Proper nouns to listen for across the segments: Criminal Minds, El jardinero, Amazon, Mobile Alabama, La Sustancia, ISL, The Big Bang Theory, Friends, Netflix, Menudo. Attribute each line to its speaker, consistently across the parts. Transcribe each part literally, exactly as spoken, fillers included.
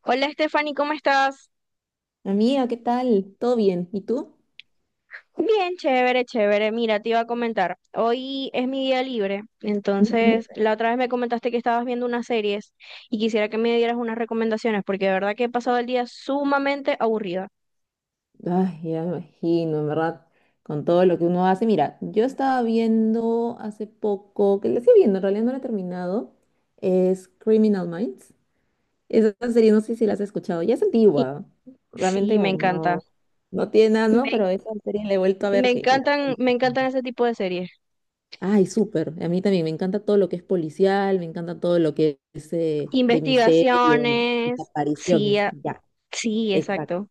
Speaker 1: Hola Stephanie, ¿cómo estás?
Speaker 2: Amiga, ¿qué tal? ¿Todo bien? ¿Y tú?
Speaker 1: Bien, chévere, chévere. Mira, te iba a comentar. Hoy es mi día libre,
Speaker 2: Ujú.
Speaker 1: entonces la otra vez me comentaste que estabas viendo unas series y quisiera que me dieras unas recomendaciones porque de verdad que he pasado el día sumamente aburrida.
Speaker 2: Ay, ya me imagino, en verdad, con todo lo que uno hace. Mira, yo estaba viendo hace poco, que la estoy viendo, en realidad no la he terminado, es Criminal Minds. Esa serie, no sé si la has escuchado, ya es
Speaker 1: Y
Speaker 2: antigua, realmente
Speaker 1: sí, me
Speaker 2: como que
Speaker 1: encanta.
Speaker 2: no, no tiene nada, ¿no?
Speaker 1: Me,
Speaker 2: Pero esa serie la he vuelto a
Speaker 1: me
Speaker 2: ver que... la-
Speaker 1: encantan, me encantan ese tipo de series.
Speaker 2: Ay, súper, a mí también me encanta todo lo que es policial, me encanta todo lo que es eh, de misterio,
Speaker 1: Investigaciones. Sí,
Speaker 2: desapariciones,
Speaker 1: a-
Speaker 2: ya,
Speaker 1: sí,
Speaker 2: exacto.
Speaker 1: exacto.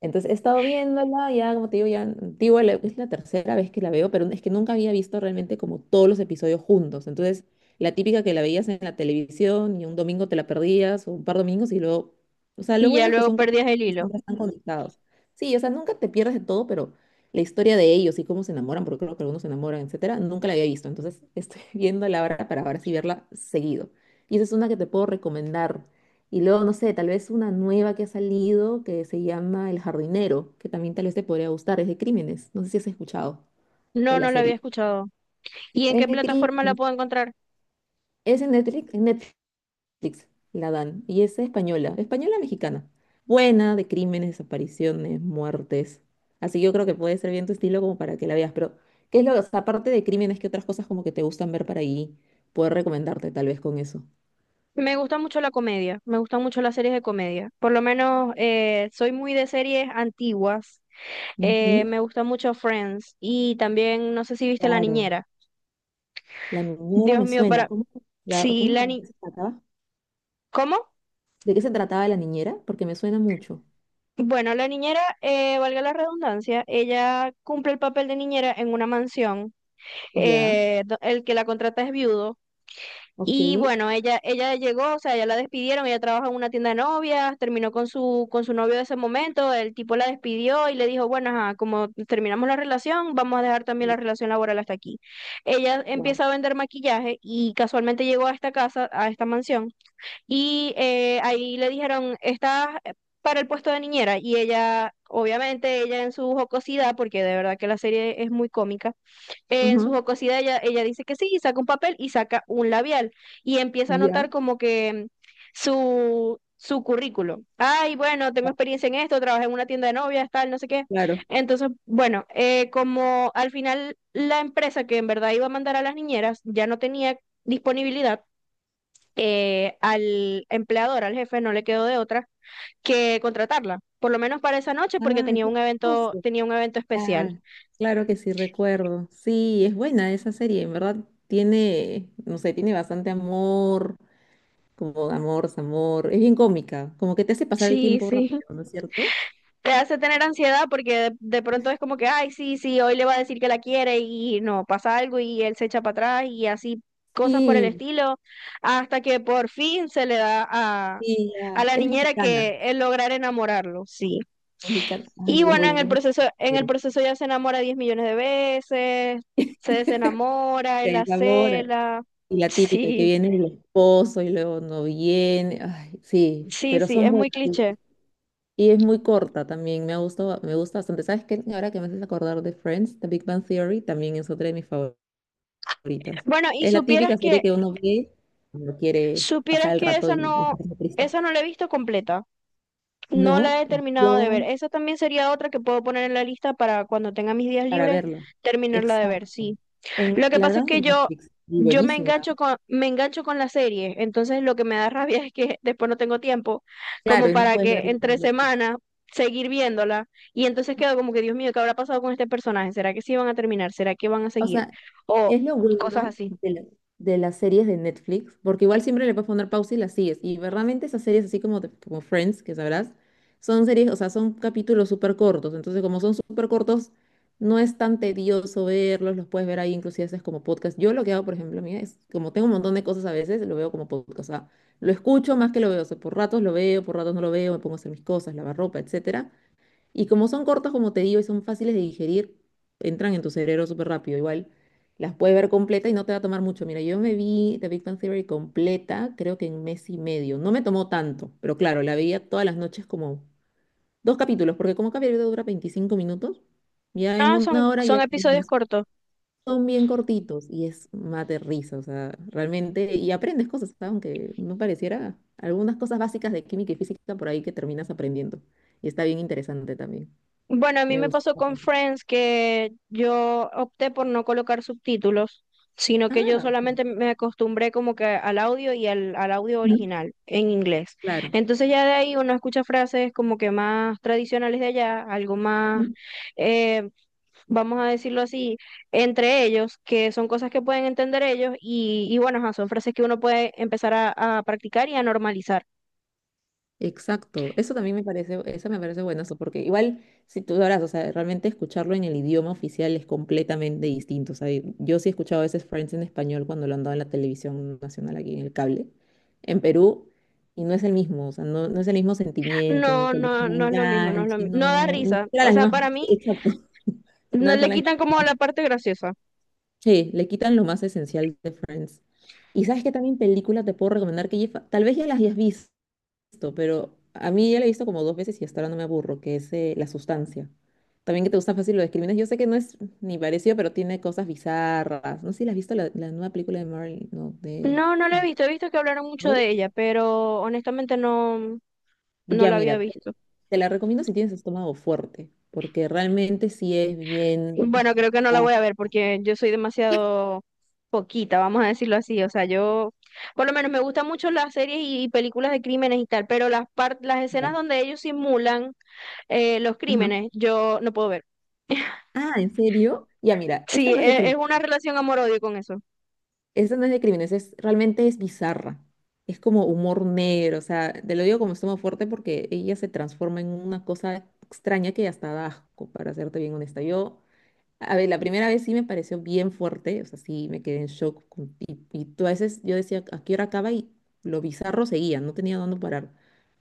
Speaker 2: Entonces he estado viéndola, ya como te digo, ya antigua, la- es la tercera vez que la veo, pero es que nunca había visto realmente como todos los episodios juntos. Entonces, la típica que la veías en la televisión y un domingo te la perdías, o un par de domingos y luego, o sea, lo
Speaker 1: Y ya
Speaker 2: bueno es que
Speaker 1: luego
Speaker 2: son
Speaker 1: perdías
Speaker 2: capítulos
Speaker 1: el
Speaker 2: que
Speaker 1: hilo.
Speaker 2: siempre están conectados. Sí, o sea, nunca te pierdes de todo, pero la historia de ellos y cómo se enamoran, porque creo que algunos se enamoran, etcétera, nunca la había visto. Entonces, estoy viéndola ahora para ver si verla seguido. Y esa es una que te puedo recomendar. Y luego, no sé, tal vez una nueva que ha salido que se llama El Jardinero, que también tal vez te podría gustar, es de crímenes. No sé si has escuchado de
Speaker 1: No,
Speaker 2: la
Speaker 1: no la había
Speaker 2: serie.
Speaker 1: escuchado. ¿Y en
Speaker 2: Es
Speaker 1: qué
Speaker 2: de
Speaker 1: plataforma
Speaker 2: crímenes.
Speaker 1: la puedo encontrar?
Speaker 2: Es en Netflix, en Netflix la dan. Y es española, española mexicana. Buena, de crímenes, desapariciones, muertes. Así que yo creo que puede ser bien tu estilo como para que la veas. Pero, ¿qué es lo que, o sea, aparte de crímenes, qué otras cosas como que te gustan ver para ahí? Poder recomendarte tal vez con eso.
Speaker 1: Me gusta mucho la comedia, me gustan mucho las series de comedia. Por lo menos eh, soy muy de series antiguas. Eh,
Speaker 2: Ujú.
Speaker 1: me gusta mucho Friends y también no sé si viste La
Speaker 2: Claro.
Speaker 1: Niñera.
Speaker 2: La niñera
Speaker 1: Dios
Speaker 2: me
Speaker 1: mío,
Speaker 2: suena.
Speaker 1: para...
Speaker 2: ¿Cómo, se- la-
Speaker 1: Sí,
Speaker 2: cómo se
Speaker 1: la
Speaker 2: llama?
Speaker 1: ni...
Speaker 2: ¿Se acaba?
Speaker 1: ¿Cómo?
Speaker 2: ¿De qué se trataba la niñera? Porque me suena mucho.
Speaker 1: Bueno, la niñera, eh, valga la redundancia, ella cumple el papel de niñera en una mansión.
Speaker 2: Ya,
Speaker 1: Eh, do- el que la contrata es viudo.
Speaker 2: ok.
Speaker 1: Y bueno, ella, ella llegó, o sea, ya la despidieron, ella trabaja en una tienda de novias, terminó con su, con su novio de ese momento, el tipo la despidió y le dijo, bueno, ajá, como terminamos la relación, vamos a dejar también la relación laboral hasta aquí. Ella
Speaker 2: Wow.
Speaker 1: empieza a vender maquillaje y casualmente llegó a esta casa, a esta mansión, y eh, ahí le dijeron, estás para el puesto de niñera, y ella, obviamente, ella en su jocosidad, porque de verdad que la serie es muy cómica, en su
Speaker 2: Ajá,
Speaker 1: jocosidad ella, ella dice que sí y saca un papel y saca un labial y empieza a
Speaker 2: ya.
Speaker 1: notar como que su, su currículo. Ay, bueno, tengo experiencia en esto, trabajé en una tienda de novias, tal, no sé qué.
Speaker 2: Claro.
Speaker 1: Entonces, bueno, eh, como al final la empresa que en verdad iba a mandar a las niñeras ya no tenía disponibilidad, eh, al empleador, al jefe, no le quedó de otra que contratarla, por lo menos para esa noche porque
Speaker 2: Ah,
Speaker 1: tenía
Speaker 2: qué
Speaker 1: un evento,
Speaker 2: chistoso.
Speaker 1: tenía un evento especial.
Speaker 2: Ah, claro que sí recuerdo. Sí, es buena esa serie, en verdad tiene, no sé, tiene bastante amor, como amor, amor. Es bien cómica, como que te hace pasar el
Speaker 1: Sí,
Speaker 2: tiempo
Speaker 1: sí.
Speaker 2: rápido, ¿no es cierto?
Speaker 1: Te hace tener ansiedad porque de, de pronto es como que, ay, sí, sí, hoy le va a decir que la quiere y no, pasa algo y él se echa para atrás y así cosas por el
Speaker 2: Sí,
Speaker 1: estilo, hasta que por fin se le da a,
Speaker 2: sí,
Speaker 1: a
Speaker 2: ya.
Speaker 1: la
Speaker 2: Es
Speaker 1: niñera
Speaker 2: mexicana.
Speaker 1: que el lograr enamorarlo, sí.
Speaker 2: Mexicana.
Speaker 1: Y
Speaker 2: Ay, es
Speaker 1: bueno, en el
Speaker 2: buenísima
Speaker 1: proceso,
Speaker 2: esa
Speaker 1: en el
Speaker 2: serie.
Speaker 1: proceso ya se enamora diez millones de veces, se desenamora, él
Speaker 2: Sí,
Speaker 1: la
Speaker 2: sabor.
Speaker 1: cela,
Speaker 2: Y la típica que
Speaker 1: sí.
Speaker 2: viene el esposo y luego no viene. Ay, sí,
Speaker 1: Sí,
Speaker 2: pero
Speaker 1: sí,
Speaker 2: son
Speaker 1: es muy
Speaker 2: buenas.
Speaker 1: cliché.
Speaker 2: Y es muy corta también. Me ha gustado, me gusta bastante. ¿Sabes qué? Ahora que me haces acordar de Friends, The Big Bang Theory también es otra de mis favoritas.
Speaker 1: Bueno, y
Speaker 2: Es la
Speaker 1: supieras
Speaker 2: típica serie
Speaker 1: que,
Speaker 2: que uno ve cuando quiere
Speaker 1: supieras
Speaker 2: pasar el
Speaker 1: que
Speaker 2: rato
Speaker 1: esa
Speaker 2: y y
Speaker 1: no,
Speaker 2: estar triste.
Speaker 1: esa no la he visto completa. No
Speaker 2: No,
Speaker 1: la he terminado de ver.
Speaker 2: yo
Speaker 1: Esa también sería otra que puedo poner en la lista para cuando tenga mis días
Speaker 2: para
Speaker 1: libres
Speaker 2: verla.
Speaker 1: terminarla de ver,
Speaker 2: Exacto.
Speaker 1: sí.
Speaker 2: En,
Speaker 1: Lo que
Speaker 2: la
Speaker 1: pasa
Speaker 2: verdad
Speaker 1: es que
Speaker 2: en
Speaker 1: yo,
Speaker 2: Netflix. Y
Speaker 1: yo me
Speaker 2: buenísima.
Speaker 1: engancho con, me engancho con la serie, entonces lo que me da rabia es que después no tengo tiempo
Speaker 2: Claro,
Speaker 1: como
Speaker 2: y no
Speaker 1: para
Speaker 2: puedes
Speaker 1: que
Speaker 2: verla
Speaker 1: entre
Speaker 2: completa.
Speaker 1: semanas seguir viéndola y entonces quedo como que, Dios mío, ¿qué habrá pasado con este personaje? ¿Será que sí van a terminar? ¿Será que van a
Speaker 2: O
Speaker 1: seguir?
Speaker 2: sea,
Speaker 1: O
Speaker 2: es lo
Speaker 1: cosas
Speaker 2: bueno
Speaker 1: así.
Speaker 2: de, la- de las series de Netflix, porque igual siempre le puedes poner pausa y las sigues. Y verdaderamente esas series, así como, de como Friends, que sabrás, son series, o sea, son capítulos súper cortos. Entonces, como son súper cortos, no es tan tedioso verlos, los puedes ver ahí, inclusive haces como podcast. Yo lo que hago, por ejemplo, mira, es como tengo un montón de cosas a veces, lo veo como podcast. O sea, lo escucho más que lo veo. O sea, por ratos lo veo, por ratos no lo veo, me pongo a hacer mis cosas, lavar ropa, etcétera. Y como son cortos, como te digo, y son fáciles de digerir, entran en tu cerebro súper rápido. Igual las puedes ver completa y no te va a tomar mucho. Mira, yo me vi The Big Bang Theory completa, creo que en mes y medio. No me tomó tanto, pero claro, la veía todas las noches como dos capítulos, porque como cada video dura veinticinco minutos, ya en
Speaker 1: Ah, son,
Speaker 2: una hora ya
Speaker 1: son episodios
Speaker 2: terminas.
Speaker 1: cortos.
Speaker 2: Son bien cortitos y es mate risa, o sea, realmente, y aprendes cosas, ¿sabes? Aunque no pareciera, algunas cosas básicas de química y física por ahí que terminas aprendiendo. Y está bien interesante también.
Speaker 1: Bueno, a mí
Speaker 2: Me
Speaker 1: me
Speaker 2: gusta.
Speaker 1: pasó con Friends que yo opté por no colocar subtítulos, sino que yo
Speaker 2: Ah,
Speaker 1: solamente me acostumbré como que al audio y al, al audio
Speaker 2: mm,
Speaker 1: original en inglés.
Speaker 2: claro.
Speaker 1: Entonces ya de ahí uno escucha frases como que más tradicionales de allá, algo más,
Speaker 2: Mm,
Speaker 1: eh, vamos a decirlo así, entre ellos, que son cosas que pueden entender ellos y, y bueno, ajá, son frases que uno puede empezar a, a practicar y a normalizar.
Speaker 2: Exacto. Eso también me parece, eso me parece buenazo, porque igual, si tú sabrás, o sea, realmente escucharlo en el idioma oficial es completamente distinto. O sea, yo sí he escuchado a veces Friends en español cuando lo han dado en la televisión nacional aquí en el cable, en Perú, y no es el mismo, o sea, no, no es el mismo sentimiento, no
Speaker 1: No,
Speaker 2: es el
Speaker 1: no,
Speaker 2: mismo
Speaker 1: no es lo mismo, no es lo
Speaker 2: enganche,
Speaker 1: mi- no da
Speaker 2: no, no son
Speaker 1: risa. O
Speaker 2: las
Speaker 1: sea,
Speaker 2: mismas,
Speaker 1: para mí
Speaker 2: exacto,
Speaker 1: no
Speaker 2: no
Speaker 1: le
Speaker 2: son las.
Speaker 1: quitan como la parte graciosa.
Speaker 2: Sí, le quitan lo más esencial de Friends. Y sabes que también película te puedo recomendar que ya- tal vez ya las hayas visto, pero a mí ya la he visto como dos veces y hasta ahora no me aburro, que es eh, La Sustancia. También que te gusta fácil lo de crímenes. Yo sé que no es ni parecido, pero tiene cosas bizarras. No sé si la has visto la, la, nueva película de Marley, no, de...
Speaker 1: No, no la he
Speaker 2: Ay,
Speaker 1: visto. He visto que hablaron mucho
Speaker 2: ¿no?
Speaker 1: de ella, pero honestamente no, no
Speaker 2: Ya
Speaker 1: la había
Speaker 2: mira, te
Speaker 1: visto.
Speaker 2: te la recomiendo si tienes estómago fuerte, porque realmente sí es bien... O
Speaker 1: Bueno, creo que no la voy
Speaker 2: sea,
Speaker 1: a ver porque yo soy demasiado poquita, vamos a decirlo así. O sea, yo, por lo menos me gustan mucho las series y, películas de crímenes y tal, pero las par- las escenas
Speaker 2: ya.
Speaker 1: donde ellos simulan eh, los
Speaker 2: Ajá.
Speaker 1: crímenes, yo no puedo ver.
Speaker 2: Ah, ¿en serio? Ya mira,
Speaker 1: Sí,
Speaker 2: esta no es de.
Speaker 1: e- es una relación amor-odio con eso.
Speaker 2: Esta no es de crímenes, es realmente es bizarra. Es como humor negro, o sea, te lo digo como estómago fuerte porque ella se transforma en una cosa extraña que hasta da asco, para serte bien honesta. Yo a ver, la primera vez sí me pareció bien fuerte, o sea, sí me quedé en shock. con- Y, y tú a veces yo decía, ¿a qué hora acaba? Y lo bizarro seguía, no tenía dónde parar.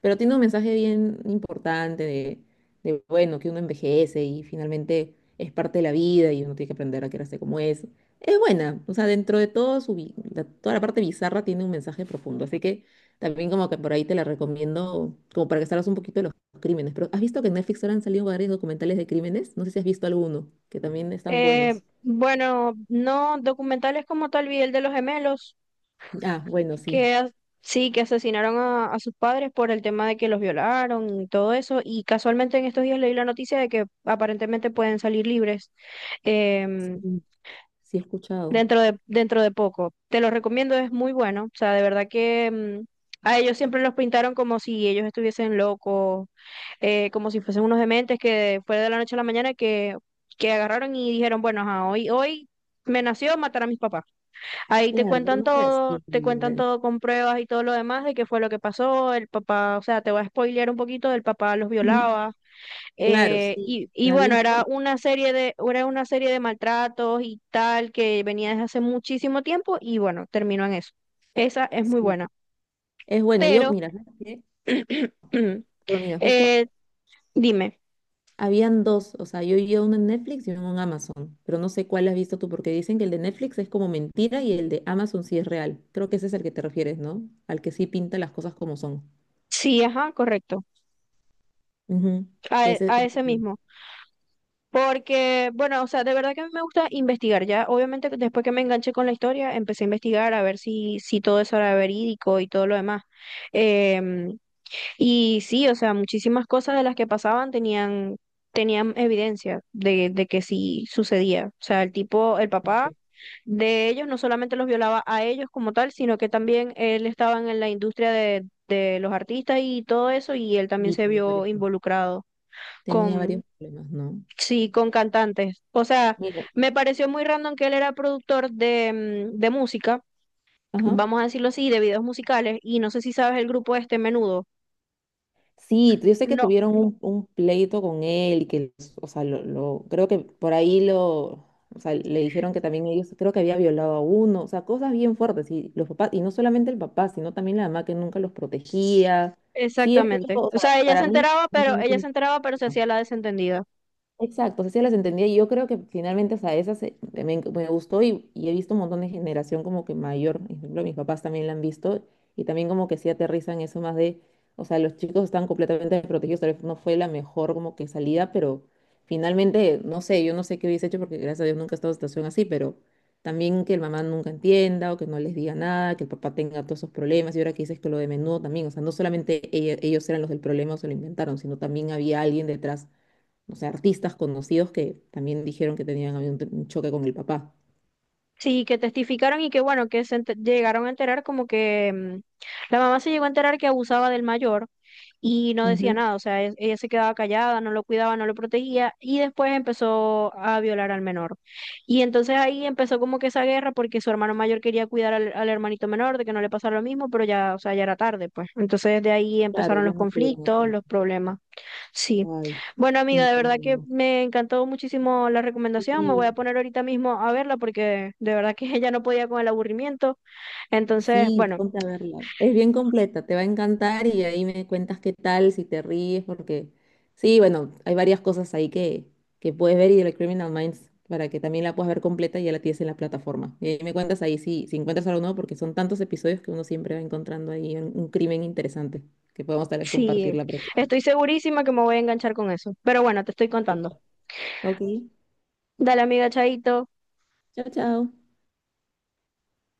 Speaker 2: Pero tiene un mensaje bien importante de, de, bueno, que uno envejece y finalmente es parte de la vida y uno tiene que aprender a quererse como es. Es buena, o sea, dentro de todo su, bi- la- toda la parte bizarra tiene un mensaje profundo. Así que también como que por ahí te la recomiendo, como para que salgas un poquito de los crímenes, pero ¿has visto que en Netflix ahora han salido varios documentales de crímenes? No sé si has visto alguno, que también están
Speaker 1: Eh,
Speaker 2: buenos.
Speaker 1: bueno, no, documentales como tal, vi el de los gemelos.
Speaker 2: Ah, bueno, sí.
Speaker 1: que as- sí, que asesinaron a, a sus padres por el tema de que los violaron y todo eso. Y casualmente en estos días leí la noticia de que aparentemente pueden salir libres em,
Speaker 2: Sí, sí he escuchado.
Speaker 1: dentro de, dentro de poco. Te lo recomiendo, es muy bueno. O sea, de verdad que em, a ellos siempre los pintaron como si ellos estuviesen locos, eh, como si fuesen unos dementes, que fue de la noche a la mañana que, que agarraron y dijeron, bueno, ajá, hoy, hoy me nació matar a mis papás. Ahí te
Speaker 2: Claro, pero
Speaker 1: cuentan
Speaker 2: no fue
Speaker 1: todo,
Speaker 2: así
Speaker 1: te cuentan
Speaker 2: igual.
Speaker 1: todo con pruebas y todo lo demás de qué fue lo que pasó, el papá, o sea, te va a spoilear un poquito, el papá los
Speaker 2: Ujú.
Speaker 1: violaba,
Speaker 2: Claro,
Speaker 1: eh,
Speaker 2: sí.
Speaker 1: y, y
Speaker 2: Era
Speaker 1: bueno,
Speaker 2: bien
Speaker 1: era
Speaker 2: fuerte.
Speaker 1: una serie de, era una serie de maltratos y tal que venía desde hace muchísimo tiempo y bueno, terminó en eso. Esa es muy
Speaker 2: sí.
Speaker 1: buena,
Speaker 2: Es bueno, yo,
Speaker 1: pero
Speaker 2: mira, ¿sabes qué? Bueno, mira, justo
Speaker 1: eh, dime,
Speaker 2: habían dos, o sea, yo vi uno en Netflix y uno en Amazon, pero no sé cuál has visto tú, porque dicen que el de Netflix es como mentira y el de Amazon sí es real. Creo que ese es el que te refieres, ¿no? Al que sí pinta las cosas como son.
Speaker 1: sí, ajá, correcto,
Speaker 2: Ujú.
Speaker 1: a,
Speaker 2: Que
Speaker 1: e-
Speaker 2: ese,
Speaker 1: a ese mismo. Porque, bueno, o sea, de verdad que a mí me gusta investigar, ya. Obviamente, que después que me enganché con la historia, empecé a investigar a ver si, si todo eso era verídico y todo lo demás. Em, y sí, o sea, muchísimas cosas de las que pasaban tenían, tenían evidencia de, de que sí sucedía. O sea, el tipo, el papá
Speaker 2: ese-
Speaker 1: de ellos no solamente los violaba a ellos como tal, sino que también él estaba en la industria de, de los artistas y todo eso, y él también
Speaker 2: Y
Speaker 1: se
Speaker 2: tenía
Speaker 1: vio
Speaker 2: varios, pro-
Speaker 1: involucrado.
Speaker 2: tenía varios problemas, ¿no?
Speaker 1: Sí, con cantantes. O sea,
Speaker 2: Mira,
Speaker 1: me pareció muy random que él era productor de, mm, de música,
Speaker 2: ajá.
Speaker 1: vamos a decirlo así, de videos musicales, y no sé si sabes el grupo este Menudo.
Speaker 2: Sí, yo sé que
Speaker 1: No,
Speaker 2: tuvieron un, un pleito con él y que, o sea, lo, lo- creo que por ahí lo, o sea, le dijeron que también ellos, creo que había violado a uno, o sea, cosas bien fuertes y los papás, y no solamente el papá, sino también la mamá que nunca los protegía. Sí, escucho,
Speaker 1: exactamente.
Speaker 2: o
Speaker 1: O sea,
Speaker 2: sea,
Speaker 1: ella se
Speaker 2: para mí no
Speaker 1: enteraba, pero
Speaker 2: tiene
Speaker 1: ella se
Speaker 2: culpa.
Speaker 1: enteraba, pero se hacía la desentendida.
Speaker 2: Exacto, sí las entendía y yo creo que finalmente, o sea, esas se- me, me gustó y, y he visto un montón de generación como que mayor, por ejemplo, mis papás también la han visto y también como que sí aterrizan eso más de, o sea, los chicos están completamente desprotegidos, tal vez no fue la mejor como que salida, pero finalmente, no sé, yo no sé qué hubiese hecho porque gracias a Dios nunca he estado en situación así, pero también que el mamá nunca entienda o que no les diga nada, que el papá tenga todos esos problemas y ahora que dices que lo de menudo también, o sea, no solamente ella- ellos eran los del problema o se lo inventaron, sino también había alguien detrás, o sea, artistas conocidos que también dijeron que tenían habido un, tr- un choque con el papá.
Speaker 1: Sí, que testificaron y que bueno, que se ente- llegaron a enterar como que mm, la mamá se llegó a enterar que abusaba del mayor y no decía
Speaker 2: Ujú.
Speaker 1: nada, o sea, e- ella se quedaba callada, no lo cuidaba, no lo protegía y después empezó a violar al menor. Y entonces ahí empezó como que esa guerra porque su hermano mayor quería cuidar al, al hermanito menor de que no le pasara lo mismo, pero ya, o sea, ya era tarde, pues. Entonces de ahí
Speaker 2: Claro,
Speaker 1: empezaron los
Speaker 2: ya no pudieron hacer
Speaker 1: conflictos, los
Speaker 2: más.
Speaker 1: problemas. Sí.
Speaker 2: Ay,
Speaker 1: Bueno, amiga, de verdad que
Speaker 2: incómodo.
Speaker 1: me encantó muchísimo la recomendación. Me voy a
Speaker 2: Sí,
Speaker 1: poner ahorita mismo a verla porque de verdad que ella no podía con el aburrimiento. Entonces,
Speaker 2: sí,
Speaker 1: bueno,
Speaker 2: ponte a verla. Es bien completa, te va a encantar y ahí me cuentas qué tal, si te ríes, porque sí, bueno, hay varias cosas ahí que, que puedes ver y de la Criminal Minds para que también la puedas ver completa y ya la tienes en la plataforma. Y ahí me cuentas ahí si, si encuentras algo nuevo, porque son tantos episodios que uno siempre va encontrando ahí un, un, crimen interesante que podemos tal vez compartir
Speaker 1: sí,
Speaker 2: la próxima.
Speaker 1: estoy segurísima que me voy a enganchar con eso. Pero bueno, te estoy contando.
Speaker 2: Ok.
Speaker 1: Dale, amiga, chaito.
Speaker 2: Chao, chao.